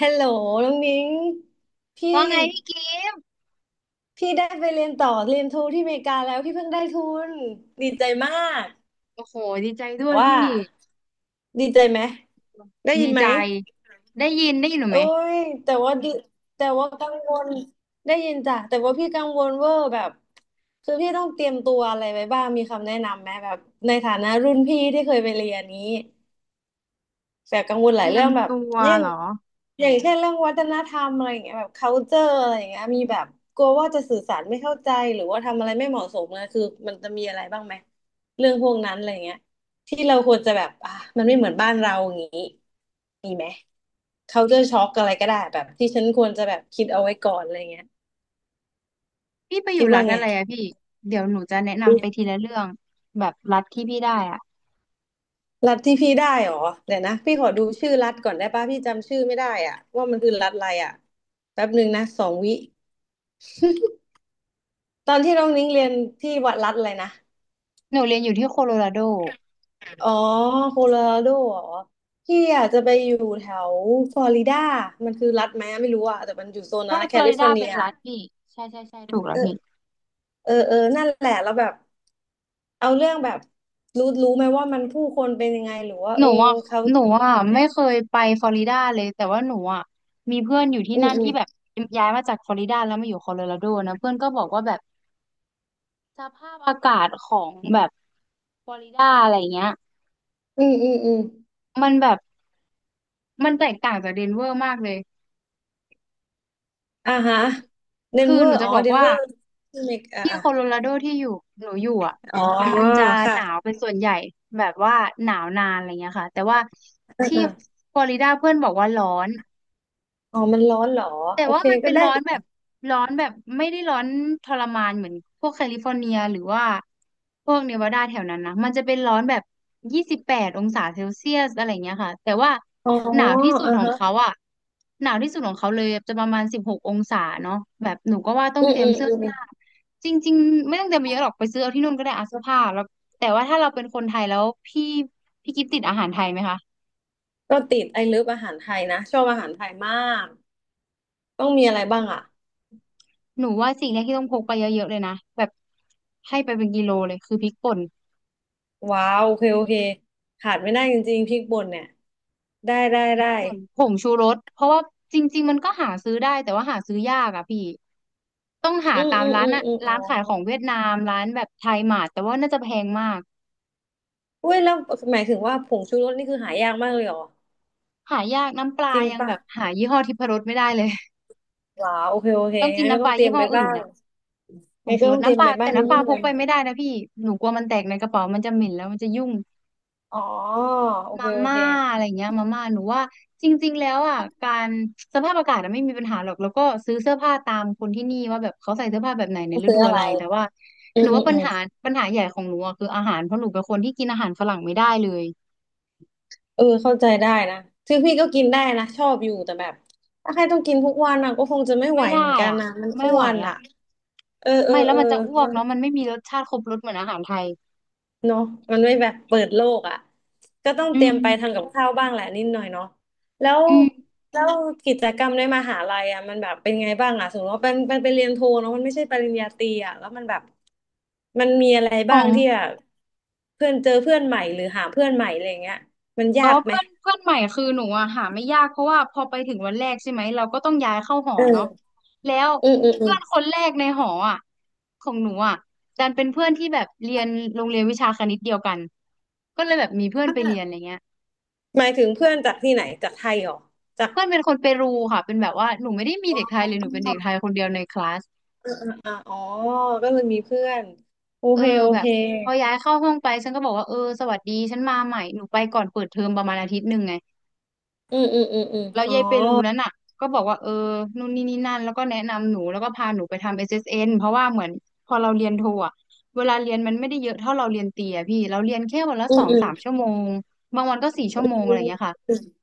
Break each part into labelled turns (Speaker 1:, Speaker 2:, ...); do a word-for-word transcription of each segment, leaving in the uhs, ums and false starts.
Speaker 1: ฮัลโหลน้องนิ้งพี่
Speaker 2: ว่าไงพี่กิฟต์
Speaker 1: พี่ได้ไปเรียนต่อเรียนโทที่อเมริกาแล้วพี่เพิ่งได้ทุนดีใจมาก
Speaker 2: โอ้โหดีใจด้วย
Speaker 1: ว่า
Speaker 2: พี่
Speaker 1: ดีใจไหมได้ยิ
Speaker 2: ดี
Speaker 1: นไหม
Speaker 2: ใจได้ยินได้ยินหนู
Speaker 1: โอ้
Speaker 2: ไหม
Speaker 1: ยแต่ว่าดีแต่ว่ากังวลได้ยินจ้ะแต่ว่าพี่กังวลเวอร์แบบคือพี่ต้องเตรียมตัวอะไรไว้บ้างมีคำแนะนำไหมแบบในฐานะรุ่นพี่ที่เคยไปเรียนนี้ แต่กังวลห
Speaker 2: เต
Speaker 1: ลาย
Speaker 2: รีย
Speaker 1: เรื่อ
Speaker 2: ม
Speaker 1: งแบบ
Speaker 2: ตัว
Speaker 1: เช่น
Speaker 2: เหรอ
Speaker 1: อย่างเช่นเรื่องวัฒนธรรมอะไรอย่างเงี้ยแบบ culture อะไรอย่างเงี้ยมีแบบกลัวว่าจะสื่อสารไม่เข้าใจหรือว่าทำอะไรไม่เหมาะสมนะคือมันจะมีอะไรบ้างไหมเรื่องพวกนั้นอะไรอย่างเงี้ยที่เราควรจะแบบอ่ะมันไม่เหมือนบ้านเราอย่างงี้มีไหม culture shock อะไรก็ได้แบบที่ฉันควรจะแบบคิดเอาไว้ก่อนอะไรเงี้ย
Speaker 2: พี่ไปอ
Speaker 1: คิ
Speaker 2: ยู่
Speaker 1: ด
Speaker 2: รั
Speaker 1: ว่า
Speaker 2: ฐ
Speaker 1: ไง
Speaker 2: อะไรอะพี่เดี๋ยวหนูจะแนะ
Speaker 1: อื
Speaker 2: นำไปที
Speaker 1: ม
Speaker 2: ละเรื่องแบบรัฐที่พี่ได้อะ
Speaker 1: รัฐที่พี่ได้เหรอเดี๋ยวนะพี่ขอดูชื่อรัฐก่อนได้ป่ะพี่จำชื่อไม่ได้อ่ะว่ามันคือรัฐอะไรอ่ะแป๊บหนึ่งนะสองวิ ตอนที่น้องนิ้งเรียนที่วัดรัฐอะไรนะ
Speaker 2: หนูเรียนอยู่ที่โคโลราโด
Speaker 1: อ๋อโคโลราโดเหรอพี่อาจจะไปอยู่แถวฟลอริดามันคือรัฐไหมไม่รู้อะแต่มันอยู่โซนนั้
Speaker 2: ใช่
Speaker 1: นนะ
Speaker 2: ฟ
Speaker 1: แค
Speaker 2: ลอ
Speaker 1: ลิ
Speaker 2: ริ
Speaker 1: ฟอ
Speaker 2: ดา
Speaker 1: ร์เนี
Speaker 2: เป็น
Speaker 1: ย
Speaker 2: รัฐพี่ใช่ใช่ใช่ถูกแล้วพี่
Speaker 1: เออเออเออนั่นแหละแล้วแบบเอาเรื่องแบบรู้รู้ไหมว่ามันผู้คนเป็นยังไงหรือว่า
Speaker 2: ห
Speaker 1: เอ
Speaker 2: นู
Speaker 1: อ
Speaker 2: อ่ะ
Speaker 1: เขา
Speaker 2: ห
Speaker 1: เป็
Speaker 2: นูอ่ะ
Speaker 1: นยังไง
Speaker 2: ไม่เคยไปฟลอริดาเลยแต่ว่าหนูอ่ะมีเพื่อนอยู่ที่
Speaker 1: อืม
Speaker 2: นั่น
Speaker 1: อืม
Speaker 2: ที่แบบย้ายมาจากฟลอริดาแล้วมาอยู่โคโลราโดนะเพื่อนก็บอกว่าแบบ สภาพอากาศของแบบฟลอริดาอะไรเงี้ย
Speaker 1: อืมอืมอืม
Speaker 2: มันแบบมันแตกต่างจากเดนเวอร์มากเลย
Speaker 1: อ่าฮะเดน
Speaker 2: คือ
Speaker 1: เวอ
Speaker 2: หนู
Speaker 1: ร์
Speaker 2: จะ
Speaker 1: อ๋อ
Speaker 2: บอก
Speaker 1: เดน
Speaker 2: ว่า
Speaker 1: เวอร์ที่เมกอ่า
Speaker 2: ที่
Speaker 1: อะ
Speaker 2: โคโลราโดที่อยู่หนูอยู่อ่ะ
Speaker 1: อ๋อ
Speaker 2: มันจะ
Speaker 1: ค่ะ
Speaker 2: หนาวเป็นส่วนใหญ่แบบว่าหนาวนานอะไรเงี้ยค่ะแต่ว่า
Speaker 1: เออ
Speaker 2: ที่
Speaker 1: เออ
Speaker 2: ฟลอริดาเพื่อนบอกว่าร้อน
Speaker 1: อ๋อมันร้อนเหรอ
Speaker 2: แต่
Speaker 1: โอ
Speaker 2: ว่า
Speaker 1: เค
Speaker 2: มัน
Speaker 1: ก็
Speaker 2: เป็น
Speaker 1: ได้
Speaker 2: ร้อนแบบร้อนแบบไม่ได้ร้อนทรมานเหมือนพวกแคลิฟอร์เนียหรือว่าพวกเนวาดาแถวนั้นนะมันจะเป็นร้อนแบบยี่สิบแปดองศาเซลเซียสอะไรเงี้ยค่ะแต่ว่า
Speaker 1: อ๋อ
Speaker 2: หนาวที่สุด
Speaker 1: อ่า
Speaker 2: ของ
Speaker 1: ฮะ
Speaker 2: เขาอ่ะหนาวที่สุดของเขาเลยจะประมาณสิบหกองศาเนาะแบบหนูก็ว่าต้อ
Speaker 1: อื
Speaker 2: ง
Speaker 1: ม
Speaker 2: เตรี
Speaker 1: อื
Speaker 2: ยม
Speaker 1: ม
Speaker 2: เสื้อ
Speaker 1: อื
Speaker 2: ผ้า
Speaker 1: ม
Speaker 2: จริงๆไม่ต้องเตรียมไปเยอะหรอกไปซื้อเอาที่นู่นก็ได้อาเสื้อผ้าแล้วแต่ว่าถ้าเราเป็นคนไทยแล้วพี่พี่กิฟติดอาหารไทยไหมคะ
Speaker 1: ก็ติดไอ้เลิฟอาหารไทยนะชอบอาหารไทยมากต้องมีอะไรบ้างอ่ะ
Speaker 2: หนูว่าสิ่งแรกที่ต้องพกไปเยอะๆเลยนะแบบให้ไปเป็นกิโลเลยคือพริกป่น
Speaker 1: ว้าวโอเคโอเคขาดไม่ได้จริงๆพริกป่นเนี่ยได้ได้
Speaker 2: พริก
Speaker 1: ได้
Speaker 2: ป่นผงชูรสเพราะว่าจริงๆมันก็หาซื้อได้แต่ว่าหาซื้อยากอะพี่ต้องหา
Speaker 1: อืม
Speaker 2: ตาม
Speaker 1: อืม
Speaker 2: ร้า
Speaker 1: อื
Speaker 2: น
Speaker 1: ม
Speaker 2: อะ
Speaker 1: อืมอ๋อ
Speaker 2: ร้านขายของเวียดนามร้านแบบไทยหมาดแต่ว่าน่าจะแพงมาก
Speaker 1: อุ้ยแล้วหมายถึงว่าผงชูรสนี่คือหายากมากเลยเหรอ
Speaker 2: หายากน้ำปลา
Speaker 1: จริง
Speaker 2: ยัง
Speaker 1: ปะ
Speaker 2: แบบหายี่ห้อทิพรสไม่ได้เลย
Speaker 1: ว้าวโอเคโอเค
Speaker 2: ต้องกิน
Speaker 1: งั้นก็
Speaker 2: น้ำป
Speaker 1: ต้อ
Speaker 2: ลา
Speaker 1: งเตรี
Speaker 2: ยี่
Speaker 1: ยม
Speaker 2: ห้อ
Speaker 1: ไปบ้า
Speaker 2: อื่น
Speaker 1: ง
Speaker 2: อะผ
Speaker 1: งั้
Speaker 2: ง
Speaker 1: นก็
Speaker 2: ชูร
Speaker 1: ต้
Speaker 2: ส
Speaker 1: องเตรียม
Speaker 2: น้ำปลา
Speaker 1: ไปบ้า
Speaker 2: แต่
Speaker 1: งนิด
Speaker 2: น้ำป
Speaker 1: นึ
Speaker 2: ลา
Speaker 1: ง
Speaker 2: พ
Speaker 1: หน่
Speaker 2: ก
Speaker 1: อย
Speaker 2: ไปไม่ได้นะพี่หนูกลัวมันแตกในกระเป๋ามันจะเหม็นแล้วมันจะยุ่ง
Speaker 1: ๆอ๋อโอเค
Speaker 2: มา
Speaker 1: โอ
Speaker 2: ม่า
Speaker 1: เค
Speaker 2: อะไรเงี้ยมาม่าหนูว่าจริงๆแล้วอ่ะการสภาพอากาศอะไม่มีปัญหาหรอกแล้วก็ซื้อเสื้อผ้าตามคนที่นี่ว่าแบบเขาใส่เสื้อผ้าแบบไหนใน
Speaker 1: ต้อง
Speaker 2: ฤ
Speaker 1: ซื้อ
Speaker 2: ดู
Speaker 1: อะ
Speaker 2: อะ
Speaker 1: ไร
Speaker 2: ไรแต่ว่า
Speaker 1: อื
Speaker 2: หนู
Speaker 1: ม
Speaker 2: ว่าปั
Speaker 1: อื
Speaker 2: ญ
Speaker 1: ม
Speaker 2: หาปัญหาใหญ่ของหนูอ่ะคืออาหารเพราะหนูเป็นคนที่กินอาหารฝรั่งไม่ได้เลย
Speaker 1: เออเข้าใจได้นะคือพี่ก็กินได้นะชอบอยู่แต่แบบถ้าใครต้องกินทุกวันอ่ะก็คงจะไม่ไหว
Speaker 2: ไม่
Speaker 1: เหมื
Speaker 2: ได้
Speaker 1: อนกัน
Speaker 2: อ่ะ
Speaker 1: นะมัน
Speaker 2: ไม่
Speaker 1: อ้
Speaker 2: ไหว
Speaker 1: วน
Speaker 2: อ่ะ
Speaker 1: อ่ะเออเออ
Speaker 2: ไม่แล้ว
Speaker 1: เออ
Speaker 2: มันจะอ้ว
Speaker 1: มั
Speaker 2: ก
Speaker 1: น
Speaker 2: เนาะมันไม่มีรสชาติครบรสเหมือนอาหารไทย
Speaker 1: เนาะมันไม่แบบเปิดโลกอ่ะก็ต้อง
Speaker 2: อื
Speaker 1: เตรียมไปทำ
Speaker 2: ม
Speaker 1: กับข้าวบ้างแหละนิดหน่อยเนาะแล้ว
Speaker 2: อืม
Speaker 1: แล้วกิจกรรมในมหาลัยอ่ะมันแบบเป็นไงบ้างอ่ะสมมติว่าเป็นเป็นไปเรียนโทเนาะมันไม่ใช่ปริญญาตรีอ่ะแล้วมันแบบมันมีอะไร
Speaker 2: ขอ
Speaker 1: บ้าง
Speaker 2: ง
Speaker 1: ที่แบบเพื่อนเจอเพื่อนใหม่หรือหาเพื่อนใหม่อะไรอย่างเงี้ยมัน
Speaker 2: อ๋
Speaker 1: ยา
Speaker 2: อ
Speaker 1: กไหม
Speaker 2: เพื่อนเพื่อนใหม่คือหนูอะหาไม่ยากเพราะว่าพอไปถึงวันแรกใช่ไหมเราก็ต้องย้ายเข้าหอเนาะ
Speaker 1: เออ
Speaker 2: แล้ว
Speaker 1: อืมอืมอื
Speaker 2: เพื่
Speaker 1: ม
Speaker 2: อนคนแรกในหออะของหนูอะดันเป็นเพื่อนที่แบบเรียนโรงเรียนวิชาคณิตเดียวกันก็เลยแบบมีเพื่อนไปเรียนอะไรเงี้ย
Speaker 1: หมายถึงเพื่อนจากที่ไหนจากไทยเหรอจาก
Speaker 2: เพื่อนเป็นคนเปรูค่ะเป็นแบบว่าหนูไม่ได้มี
Speaker 1: อ
Speaker 2: เด็กไท
Speaker 1: ่
Speaker 2: ยเลยหนูเป็นเด็กไทยคนเดียวในคลาส
Speaker 1: อเออเอออ่ะอ๋อ ก็เลยมีเพื่อนโอ
Speaker 2: เออ
Speaker 1: เคโอ
Speaker 2: แบ
Speaker 1: เค
Speaker 2: บพอย้ายเข้าห้องไปฉันก็บอกว่าเออสวัสดีฉันมาใหม่หนูไปก่อนเปิดเทอมประมาณอาทิตย์หนึ่งไง
Speaker 1: อืมอืมอืมอืม
Speaker 2: แล้ว
Speaker 1: อ๋อ
Speaker 2: ยายเปรูนั้นน่ะก็บอกว่าเออนู่นนี่นี่นั่นแล้วก็แนะนำหนูแล้วก็พาหนูไปทำ เอส เอส เอ็น เอสเอ็นเพราะว่าเหมือนพอเราเรียนโทอ่ะเวลาเรียนมันไม่ได้เยอะเท่าเราเรียนเตรียพี่เราเรียนแค่วันละ
Speaker 1: อื
Speaker 2: ส
Speaker 1: ม
Speaker 2: อง
Speaker 1: อืม
Speaker 2: สามชั่วโมงบางวันก็สี่ชั่
Speaker 1: อื
Speaker 2: วโมงอะไรอย่างเงี้ย
Speaker 1: ม
Speaker 2: ค่ะ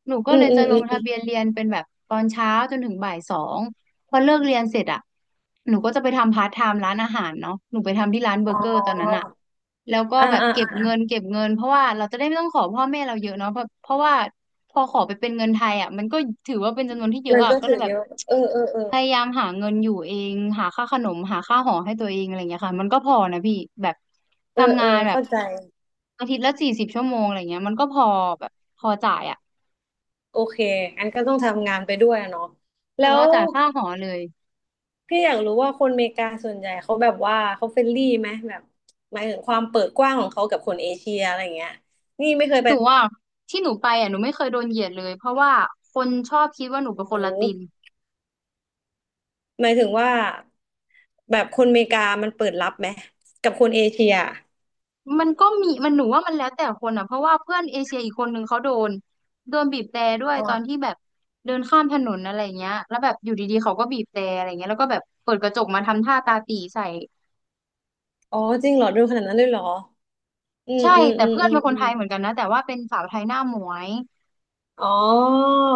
Speaker 2: หนูก็
Speaker 1: อื
Speaker 2: เล
Speaker 1: ม
Speaker 2: ย
Speaker 1: อื
Speaker 2: จะ
Speaker 1: ม
Speaker 2: ล
Speaker 1: อื
Speaker 2: ง
Speaker 1: มอ
Speaker 2: ทะเบีย
Speaker 1: ม
Speaker 2: นเรียนเป็นแบบตอนเช้าจนถึงบ่ายสอง พอเลิกเรียนเสร็จอะหนูก็จะไปทำพาร์ทไทม์ร้านอาหารเนาะหนูไปทำที่ร้านเบอ
Speaker 1: อ๋
Speaker 2: ร์
Speaker 1: อ
Speaker 2: เกอร์ตอนนั้นอะแล้วก็
Speaker 1: อ่า
Speaker 2: แบบ
Speaker 1: อ่า
Speaker 2: เก็บ
Speaker 1: อ่า
Speaker 2: เงินเก็บเงินเพราะว่าเราจะได้ไม่ต้องขอพ่อแม่เราเยอะเนาะเพราะเพราะว่าพอขอไปเป็นเงินไทยอะมันก็ถือว่าเป็นจำนวนที่เย
Speaker 1: มั
Speaker 2: อะ
Speaker 1: น
Speaker 2: อะ
Speaker 1: ก็
Speaker 2: ก็เล
Speaker 1: ถือ
Speaker 2: ยแบบ
Speaker 1: เยอะเออเออเออ
Speaker 2: พยายามหาเงินอยู่เองหาค่าขนมหาค่าหอให้ตัวเองอะไรางเงี้ยค่ะมันก็พอนะพี่แบบ
Speaker 1: เออ
Speaker 2: ทำ
Speaker 1: เอ
Speaker 2: งาน
Speaker 1: อ
Speaker 2: แบบ
Speaker 1: เข้าใจ
Speaker 2: อาทิตย์ละสี่สิบชั่วโมงอะไรเงี้ยมันก็พอแบบพอจ่ายอะ
Speaker 1: โอเคงั้นก็ต้องทำงานไปด้วยอะเนาะ
Speaker 2: หนู
Speaker 1: แล้
Speaker 2: พอ
Speaker 1: ว
Speaker 2: จ่ายค่าหอเลย
Speaker 1: พี่อยากรู้ว่าคนอเมริกาส่วนใหญ่เขาแบบว่าเขาเฟรนลี่ไหมแบบหมายถึงความเปิดกว้างของเขากับคนเอเชียอะไรเงี้ยนี่ไม่เคย
Speaker 2: ห
Speaker 1: ไป
Speaker 2: นูอ่ะที่หนูไปอ่ะหนูไม่เคยโดนเหยียดเลยเพราะว่าคนชอบคิดว่าหนูเป็นคนละ
Speaker 1: รู้
Speaker 2: ติน
Speaker 1: หมายถึงว่าแบบคนอเมริกามันเปิดรับไหมกับคนเอเชีย
Speaker 2: มันก็มีมันหนูว่ามันแล้วแต่คนอ่ะเพราะว่าเพื่อนเอเชียอีกคนนึงเขาโดนโดนบีบแตรด้วย
Speaker 1: อ๋อ
Speaker 2: ตอนที่แบบเดินข้ามถนนอะไรเงี้ยแล้วแบบอยู่ดีๆเขาก็บีบแตรอะไรเงี้ยแล้วก็แบบเปิดกระจกมาทำท่าตาตี่ใส่
Speaker 1: อ๋อจริงเหรอดูขนาดนั้นเลยเหรออืม
Speaker 2: ใช่
Speaker 1: อืม
Speaker 2: แต่
Speaker 1: อืม
Speaker 2: เพื่อน
Speaker 1: อืม
Speaker 2: เป็นค
Speaker 1: อื
Speaker 2: นไท
Speaker 1: ม
Speaker 2: ยเหมือนกันนะแต่ว่าเป็นสาวไทยหน้าหมวย
Speaker 1: อ๋อ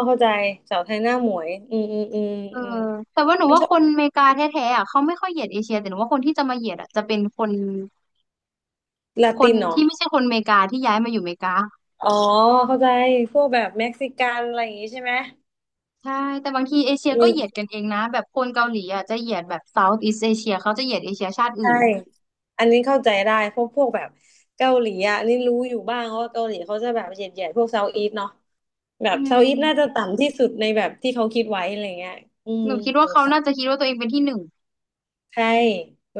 Speaker 1: เข้าใจสาวไทยหน้าหมวยอืมอืมอืม
Speaker 2: เออ
Speaker 1: อืม
Speaker 2: แต่ว่าหนูว่าคนอเมริกาแท้ๆอ่ะเขาไม่ค่อยเหยียดเอเชียแต่หนูว่าคนที่จะมาเหยียดอ่ะจะเป็นคน
Speaker 1: ลา
Speaker 2: ค
Speaker 1: ติ
Speaker 2: น
Speaker 1: นเหรอ
Speaker 2: ที่ไม่ใช่คนอเมริกาที่ย้ายมาอยู่อเมริกา
Speaker 1: อ๋อเข้าใจพวกแบบเม็กซิกันอะไรอย่างงี้ใช่ไหม
Speaker 2: ใช่ แต่บางทีเอเชีย
Speaker 1: อื
Speaker 2: ก็เหยียด
Speaker 1: ม
Speaker 2: กันเองนะ แบบคนเกาหลีอ่ะจะเหยียดแบบ South East Asia เขาจะเหยียดเอเชียชาติอื่
Speaker 1: ใช่
Speaker 2: น
Speaker 1: อันนี้เข้าใจได้เพวกพวกแบบเกาหลีอ่ะอันนี่รู้อยู่บ้างว่าเกาหลีเขาจะแบบเหยียดๆพวกเซาท์อีสเนาะ แบ
Speaker 2: อื
Speaker 1: บเซาท์อีสต์น่าจะ
Speaker 2: ม
Speaker 1: ต่ำที่สุดในแบบที่เขาคิดไว้อะไรเงี้ยอื
Speaker 2: ห
Speaker 1: ม
Speaker 2: นูคิด
Speaker 1: ส
Speaker 2: ว่า
Speaker 1: ง
Speaker 2: เขา
Speaker 1: สัย
Speaker 2: น่าจะคิดว่าตัวเองเป็นที่หนึ่ง
Speaker 1: ใช่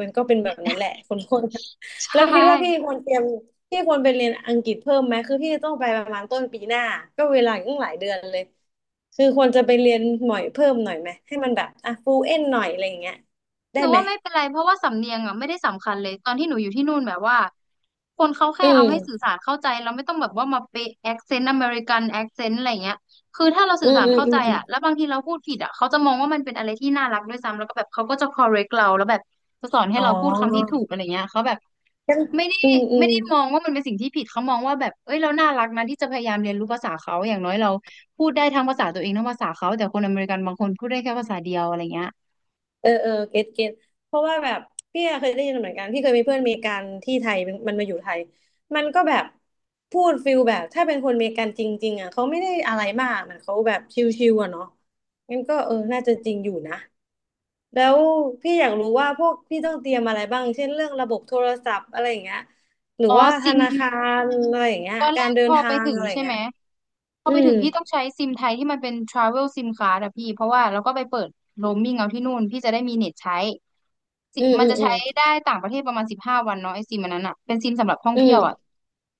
Speaker 1: มันก็เป็นแบบนั้นแหละคนคน
Speaker 2: ใช
Speaker 1: แล้วคิดว่าพี่
Speaker 2: ่
Speaker 1: ควรเตรียมพี่ควรไปเรียนอังกฤษเพิ่มไหมคือพี่จะต้องไปประมาณต้นปีหน้าก็เวลาอีกตั้งหลายเดือนเลยคือควรจะไปเรียนหน่อยเพิ่มหน่อยไหมให้มันแบบอ่ะฟูเอ็นหน่อยอะไรอย่างเงี้ย
Speaker 2: ห
Speaker 1: ได้
Speaker 2: นู
Speaker 1: ไหม
Speaker 2: ว่าไม่เป็นไรเพราะว่าสำเนียงอ่ะไม่ได้สำคัญเลยตอนที่หนูอยู่ที่นู่นแบบว่าคนเขาแค่
Speaker 1: อืม
Speaker 2: เอาให้สื่อสารเข้าใจเราไม่ต้องแบบว่ามาเป๊ะแอคเซนต์อเมริกันแอคเซนต์อะไรเงี้ยคือถ้าเรา
Speaker 1: อื
Speaker 2: สื่อ
Speaker 1: ม
Speaker 2: สาร
Speaker 1: อืม
Speaker 2: เข้า
Speaker 1: อื
Speaker 2: ใจ
Speaker 1: มอม
Speaker 2: อ่ะแล้วบางทีเราพูดผิดอ่ะเขาจะมองว่ามันเป็นอะไรที่น่ารักด้วยซ้ำแล้วก็แบบเขาก็จะ correct เราแล้วแบบจะสอนให้
Speaker 1: อ๋อ
Speaker 2: เราพูดคำที่ถูกอะไรเงี้ยเขาแบบ
Speaker 1: งั้น
Speaker 2: ไม่ได้
Speaker 1: อืมอื
Speaker 2: ไม่
Speaker 1: ม
Speaker 2: ได้มองว่ามันเป็นสิ่งที่ผิดเขามองว่าแบบเอ้ยเราน่ารักนะที่จะพยายามเรียนรู้ภาษาเขาอย่างน้อยเราพูดได้ทั้งภาษาตัวเองทั้งภาษาเขาแต่คนอเมริกันบางคนพูดได้แค่ภาษาเดียวอะไรเงี้ย
Speaker 1: เออเออเก็ตเก็ตเพราะว่าแบบพี่อะเคยได้ยินเหมือนกันพี่เคยมีเพื่อนอเมริกันที่ไทยมันมันมาอยู่ไทยมันก็แบบพูดฟิลแบบถ้าเป็นคนอเมริกันจริงๆอ่ะเขาไม่ได้อะไรมากเหมันเขาแบบชิลๆอ่ะเนาะงั้นก็เออน่าจะจริงอยู่นะแล้วพี่อยากรู้ว่าพวกพี่ต้องเตรียมอะไรบ้างเช่นเรื่องระบบโทรศัพท์อะไรอย่างเงี้ยหรือ
Speaker 2: อ๋อ
Speaker 1: ว่าธ
Speaker 2: ซิม
Speaker 1: นาคารอะไรอย่างเงี้ย
Speaker 2: ตอนแร
Speaker 1: การ
Speaker 2: ก
Speaker 1: เดิ
Speaker 2: พ
Speaker 1: น
Speaker 2: อ
Speaker 1: ทา
Speaker 2: ไป
Speaker 1: ง
Speaker 2: ถึง
Speaker 1: อะไรอย่า
Speaker 2: ใช่
Speaker 1: ง
Speaker 2: ไห
Speaker 1: เงี้
Speaker 2: ม
Speaker 1: ย
Speaker 2: พอ
Speaker 1: อื
Speaker 2: ไป
Speaker 1: ม
Speaker 2: ถึงพี่ต้องใช้ซิมไทยที่มันเป็น travel sim card อะพี่เพราะว่าเราก็ไปเปิด roaming เอาที่นู่นพี่จะได้มีเน็ตใช้สิ
Speaker 1: อืม
Speaker 2: มัน
Speaker 1: อืม
Speaker 2: จะ
Speaker 1: อื
Speaker 2: ใช้
Speaker 1: ม
Speaker 2: ได้ต่างประเทศประมาณสิบห้าวันเนาะไอซิมอันนั้นอะเป็นซิมสำหรับท่อง
Speaker 1: อื
Speaker 2: เที่ยวอะ
Speaker 1: ม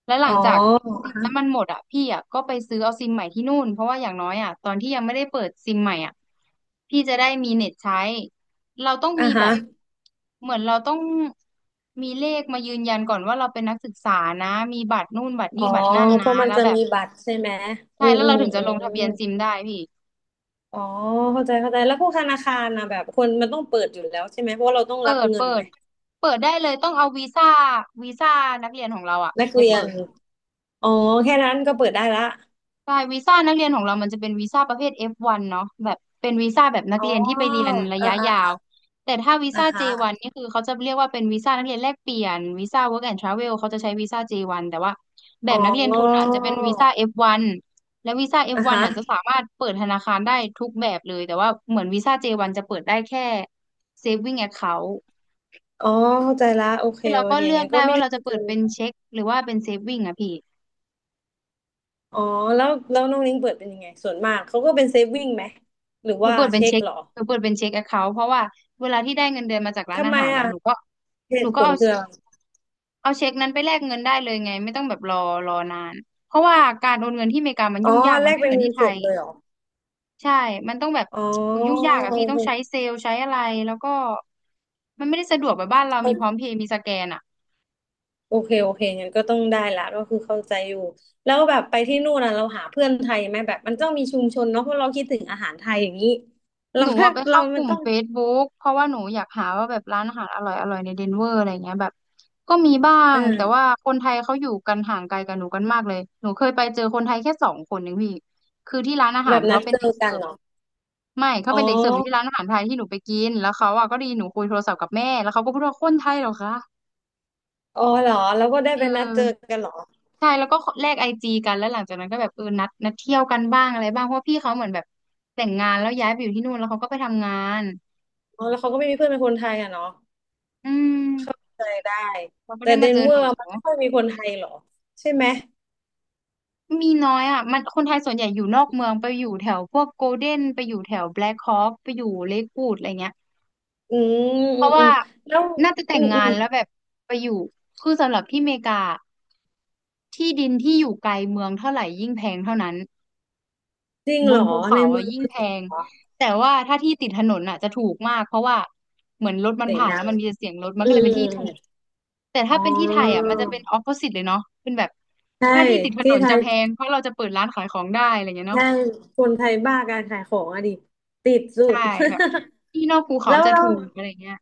Speaker 2: และห
Speaker 1: อ๋
Speaker 2: ลั
Speaker 1: อ
Speaker 2: งจากซิมนั้นมันหมดอะพี่อะก็ไปซื้อเอาซิมใหม่ที่นู่นเพราะว่าอย่างน้อยอะตอนที่ยังไม่ได้เปิดซิมใหม่อะพี่จะได้มีเน็ตใช้ เราต้อง
Speaker 1: อ่ะ
Speaker 2: มีแบ
Speaker 1: ฮะ
Speaker 2: บเหมือนเราต้องมีเลขมายืนยันก่อนว่าเราเป็นนักศึกษานะมีบัตรนู่นบัตร
Speaker 1: อ๋อ
Speaker 2: นี่บัตรนั่น
Speaker 1: เพ
Speaker 2: นะ
Speaker 1: ราะมัน
Speaker 2: แล้ว
Speaker 1: จะ
Speaker 2: แบบ
Speaker 1: มีบัตรใช่ไหม
Speaker 2: ใช่
Speaker 1: อืม
Speaker 2: แล้ว
Speaker 1: อื
Speaker 2: เรา
Speaker 1: ม
Speaker 2: ถึงจะ
Speaker 1: อื
Speaker 2: ลง
Speaker 1: ม
Speaker 2: ทะเบียนซิมได้พี่
Speaker 1: อ๋อเข้าใจเข้าใจแล้วพวกธนาคารนะแบบคนมันต้องเปิดอยู่แล้วใช่ไหมเพราะว่าเราต้อง
Speaker 2: เปิ
Speaker 1: รับ
Speaker 2: ด
Speaker 1: เงิ
Speaker 2: เปิ
Speaker 1: นไห
Speaker 2: ด
Speaker 1: ม
Speaker 2: เปิดได้เลยต้องเอาวีซ่าวีซ่านักเรียนของเราอะ
Speaker 1: นัก
Speaker 2: ไป
Speaker 1: เรีย
Speaker 2: เปิ
Speaker 1: น
Speaker 2: ด
Speaker 1: อ๋อแค่นั้นก็เปิดได้ละ
Speaker 2: ใช่วีซ่านักเรียนของเรามันจะเป็นวีซ่าประเภท เอฟ วัน เนาะแบบเป็นวีซ่าแบบนัก
Speaker 1: อ๋อ
Speaker 2: เรียนที่ไปเรียนระ
Speaker 1: อ่า
Speaker 2: ยะยาว
Speaker 1: อ่า
Speaker 2: แต่ถ้าวี
Speaker 1: อ่า
Speaker 2: ซ่า
Speaker 1: ฮะ
Speaker 2: เจ วัน นนี่คือเขาจะเรียกว่าเป็นวีซ่านักเรียนแลกเปลี่ยนวีซ่า Work and Travel เขาจะใช้วีซ่า เจ วัน แต่ว่าแบ
Speaker 1: อ๋
Speaker 2: บ
Speaker 1: อ
Speaker 2: นักเรียนทุนอ่ะจะเป็นวีซ่า เอฟ วัน และวีซ่า
Speaker 1: อ่า
Speaker 2: เอฟ วัน อฟวั
Speaker 1: ฮะ
Speaker 2: นอ่ะจะสามารถเปิดธนาคารได้ทุกแบบเลยแต่ว่าเหมือนวีซ่า เจ วัน จวันจะเปิดได้แค่ Saving Account
Speaker 1: อ๋อเข้าใจละโอเค
Speaker 2: คือเรา
Speaker 1: โอ
Speaker 2: ก็
Speaker 1: เค
Speaker 2: เลือก
Speaker 1: งั้นก็
Speaker 2: ได้
Speaker 1: ไม่
Speaker 2: ว่า
Speaker 1: มี
Speaker 2: เราจะ
Speaker 1: ปัญ
Speaker 2: เปิดเป็น
Speaker 1: หา
Speaker 2: เช็คหรือว่าเป็น Saving อ่ะพี่
Speaker 1: อ๋อแล้วแล้วน้องลิงเปิดเป็นยังไงส่วนมากเขาก็เป็นเซฟวิ่งไหมหรือ
Speaker 2: หนู
Speaker 1: ว่า
Speaker 2: เปิดเป็น
Speaker 1: เช็ค
Speaker 2: เช็ค
Speaker 1: เหรอ
Speaker 2: หนูเปิดเป็นเช็คแอคเคาท์เพราะว่าเวลาที่ได้เงินเดือนมาจากร้าน
Speaker 1: ทำ
Speaker 2: อา
Speaker 1: ไม
Speaker 2: หารแล้ว
Speaker 1: อ่ะ
Speaker 2: หนูก็
Speaker 1: เห
Speaker 2: หนู
Speaker 1: ตุผ
Speaker 2: ก็
Speaker 1: ล
Speaker 2: เอา
Speaker 1: คืออะไร
Speaker 2: เอาเช็คนั้นไปแลกเงินได้เลยไง ไม่ต้องแบบรอรอนาน เพราะว่าการโอนเงินที่อเมริกามัน
Speaker 1: อ๋อ
Speaker 2: ยุ่งยาก
Speaker 1: แล
Speaker 2: มัน
Speaker 1: ก
Speaker 2: ไม่
Speaker 1: เป็
Speaker 2: เห
Speaker 1: น
Speaker 2: มือน
Speaker 1: เงิ
Speaker 2: ที่
Speaker 1: น
Speaker 2: ไท
Speaker 1: สด
Speaker 2: ย
Speaker 1: เลยเหรอ
Speaker 2: ใช่ มันต้องแบบ
Speaker 1: อ๋อ
Speaker 2: อุ๊ยยุ่งยากอะพี่ ต้องใช้เซลล์ใช้อะไรแล้วก็มันไม่ได้สะดวกแบบบ้านเรามีพร้อมเพย์มีสแกนอะ
Speaker 1: โอเคโอเคโอเคงั้นก็ต้องได้ละก็คือเข้าใจอยู่แล้วแบบไปที่นู่นนะเราหาเพื่อนไทยไหมแบบมันต้องมีชุมชนเนาะเพราะเราคิดถึงอาหารไทยอย่างนี้เรา
Speaker 2: หนู
Speaker 1: แบ
Speaker 2: อะ
Speaker 1: บ
Speaker 2: ไป
Speaker 1: เรา
Speaker 2: เข้าก
Speaker 1: มัน
Speaker 2: ลุ่ม
Speaker 1: ต้อง
Speaker 2: Facebook เพราะว่าหนูอยากหาว่าแบบร้านอาหารอร่อยอร่อยในเดนเวอร์อะไรเงี้ยแบบก็มีบ้างแต่ว่า
Speaker 1: อ่า
Speaker 2: คนไทยเขาอยู่กันห่างไกลกับหนูกันมากเลยหนูเคยไปเจอคนไทยแค่สองคนเองพี่คือที่ร้านอาหา
Speaker 1: แบ
Speaker 2: ร
Speaker 1: บนั
Speaker 2: เขา
Speaker 1: ด
Speaker 2: เป็น
Speaker 1: เจ
Speaker 2: เด็
Speaker 1: อ
Speaker 2: กเสิ
Speaker 1: กัน
Speaker 2: ร์ฟ
Speaker 1: เหรอ
Speaker 2: ไม่เขา
Speaker 1: อ๋อ
Speaker 2: เป็นเด็กเสิร์ฟอยู่ที่ร้านอาหารไทยที่หนูไปกินแล้วเขาอะก็ไดีหนูคุยโทรศัพท์กับแม่แล้วเขาก็พูดว่าคนไทยเหรอคะ
Speaker 1: อ๋อเหรอเราก็ได้
Speaker 2: เอ
Speaker 1: ไปนัด
Speaker 2: อ
Speaker 1: เจอกันเหรอ
Speaker 2: ใช่แล้วก็แลกไอจีกันแล้วหลังจากนั้นก็แบบเออนัดนัดเที่ยวกันบ้างอะไรบ้างเพราะว่าพี่เขาเหมือนแบบแต่งงานแล้วย้ายไปอยู่ที่นู่นแล้วเขาก็ไปทำงาน
Speaker 1: อ๋อแล้วเขาก็ไม่มีเพื่อนเป็นคนไทยอ่ะเนาะ
Speaker 2: อื
Speaker 1: เข้า
Speaker 2: ม
Speaker 1: ใจได้
Speaker 2: มันก็
Speaker 1: แต่
Speaker 2: ได้
Speaker 1: เด
Speaker 2: มา
Speaker 1: น
Speaker 2: เจอ
Speaker 1: เว
Speaker 2: ห
Speaker 1: อ
Speaker 2: นู
Speaker 1: ร์มันไม่ค่อยมีคนไทยเหรอใช่ไหม
Speaker 2: มีน้อยอ่ะมันคนไทยส่วนใหญ่อยู่นอกเมืองไปอยู่แถวพวกโกลเด้นไปอยู่แถวแบล็คฮอคไปอยู่เลควูดอะไรเงี้ย
Speaker 1: อืม
Speaker 2: เพราะ
Speaker 1: อืมอื
Speaker 2: ว่า
Speaker 1: มแล้ว
Speaker 2: น่าจะแต่
Speaker 1: อื
Speaker 2: ง
Speaker 1: มอื
Speaker 2: งา
Speaker 1: ม
Speaker 2: นแล้วแบบไปอยู่คือสำหรับที่อเมริกาที่ดินที่อยู่ไกลเมืองเท่าไหร่ยิ่งแพงเท่านั้น
Speaker 1: จริง
Speaker 2: บ
Speaker 1: เหร
Speaker 2: น
Speaker 1: อ
Speaker 2: ภู
Speaker 1: ใน
Speaker 2: เขาอ่ะ
Speaker 1: เมือง
Speaker 2: ยิ่ง
Speaker 1: คือ
Speaker 2: แพ
Speaker 1: ถูก
Speaker 2: ง
Speaker 1: เหรอ
Speaker 2: แต่ว่าถ้าที่ติดถนนอ่ะจะถูกมากเพราะว่าเหมือนรถมัน
Speaker 1: เสียง
Speaker 2: ผ่าน
Speaker 1: ดั
Speaker 2: แล้ว
Speaker 1: ง
Speaker 2: มันมีแต่เสียงรถมัน
Speaker 1: อื
Speaker 2: ก็เลยเป็นที่
Speaker 1: ม
Speaker 2: ถูกแต่
Speaker 1: อ๋
Speaker 2: ถ้าเป็นที่ไทยอ่ะ
Speaker 1: อ
Speaker 2: มันจะเป็นออ p o s i ิตเลยเนาะเป็นแบบ
Speaker 1: ใช่
Speaker 2: ถ้าที่ติดถน
Speaker 1: ที่
Speaker 2: น
Speaker 1: ไท
Speaker 2: จะ
Speaker 1: ย
Speaker 2: แพงเพราะเราจะเปิดร้านขายของได้อะไรเงี้ยเนาะ
Speaker 1: แค่คนไทยบ้าการขายของอะดิติดสุ
Speaker 2: ใช่
Speaker 1: ด
Speaker 2: แบบที่นอกภู เขา
Speaker 1: แล้ว
Speaker 2: จะ
Speaker 1: เรา
Speaker 2: ถูกอะไรเงี้ย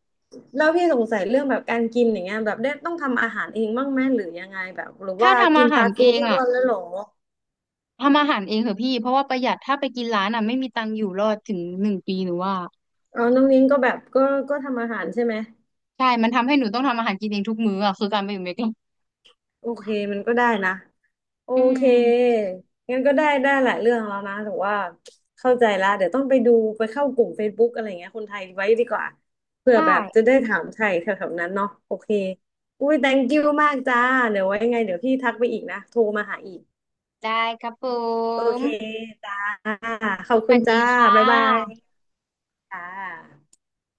Speaker 1: แล้วพี่สงสัยเรื่องแบบการกินอย่างเงี้ยแบบได้ต้องทำอาหารเองบ้างไหมหรือยังไงแบบหรือ
Speaker 2: ถ้า
Speaker 1: ว่า
Speaker 2: ทำ
Speaker 1: กิ
Speaker 2: อา
Speaker 1: น
Speaker 2: หา
Speaker 1: ฟา
Speaker 2: ร
Speaker 1: สต์
Speaker 2: เอ
Speaker 1: ฟู้ด
Speaker 2: ง
Speaker 1: ทุก
Speaker 2: อ่ะ
Speaker 1: วันแล้วเหรอ
Speaker 2: ทำอาหารเองเถอะพี่เพราะว่าประหยัดถ้าไปกินร้านอ่ะไม่มีตังค์อยู่รอดถึงหนึ่งปีหนูว่า
Speaker 1: อ๋อน้องนิ้งก็แบบก็ก็ทำอาหารใช่ไหม
Speaker 2: ใช่มันทำให้หนูต้องทำอาหารกินเองทุกมื้ออ่ะคือการไปอยู่อเมริกา
Speaker 1: โอเคมันก็ได้นะ โอ
Speaker 2: อื
Speaker 1: เค
Speaker 2: ม
Speaker 1: งั้นก็ได้ได้หลายเรื่องแล้วนะแต่ว่าเข้าใจละเดี๋ยวต้องไปดูไปเข้ากลุ่ม Facebook อะไรเงี้ยคนไทยไว้ดีกว่าเผื่อ
Speaker 2: ใช่
Speaker 1: แบบจะได้ถามไทยแถวๆนั้นเนาะโอเคอุ้ย thank you มากจ้าเดี๋ยวไว้ยังไงเดี๋ยวพี่ทักไปอีกนะโทรมาหาอีก
Speaker 2: ได้ครับผ
Speaker 1: โอ
Speaker 2: ม
Speaker 1: เคจ้าขอบ
Speaker 2: ส
Speaker 1: คุ
Speaker 2: วั
Speaker 1: ณ
Speaker 2: สดี
Speaker 1: จ้า
Speaker 2: ค่ะ
Speaker 1: บ๊ายบายจ้า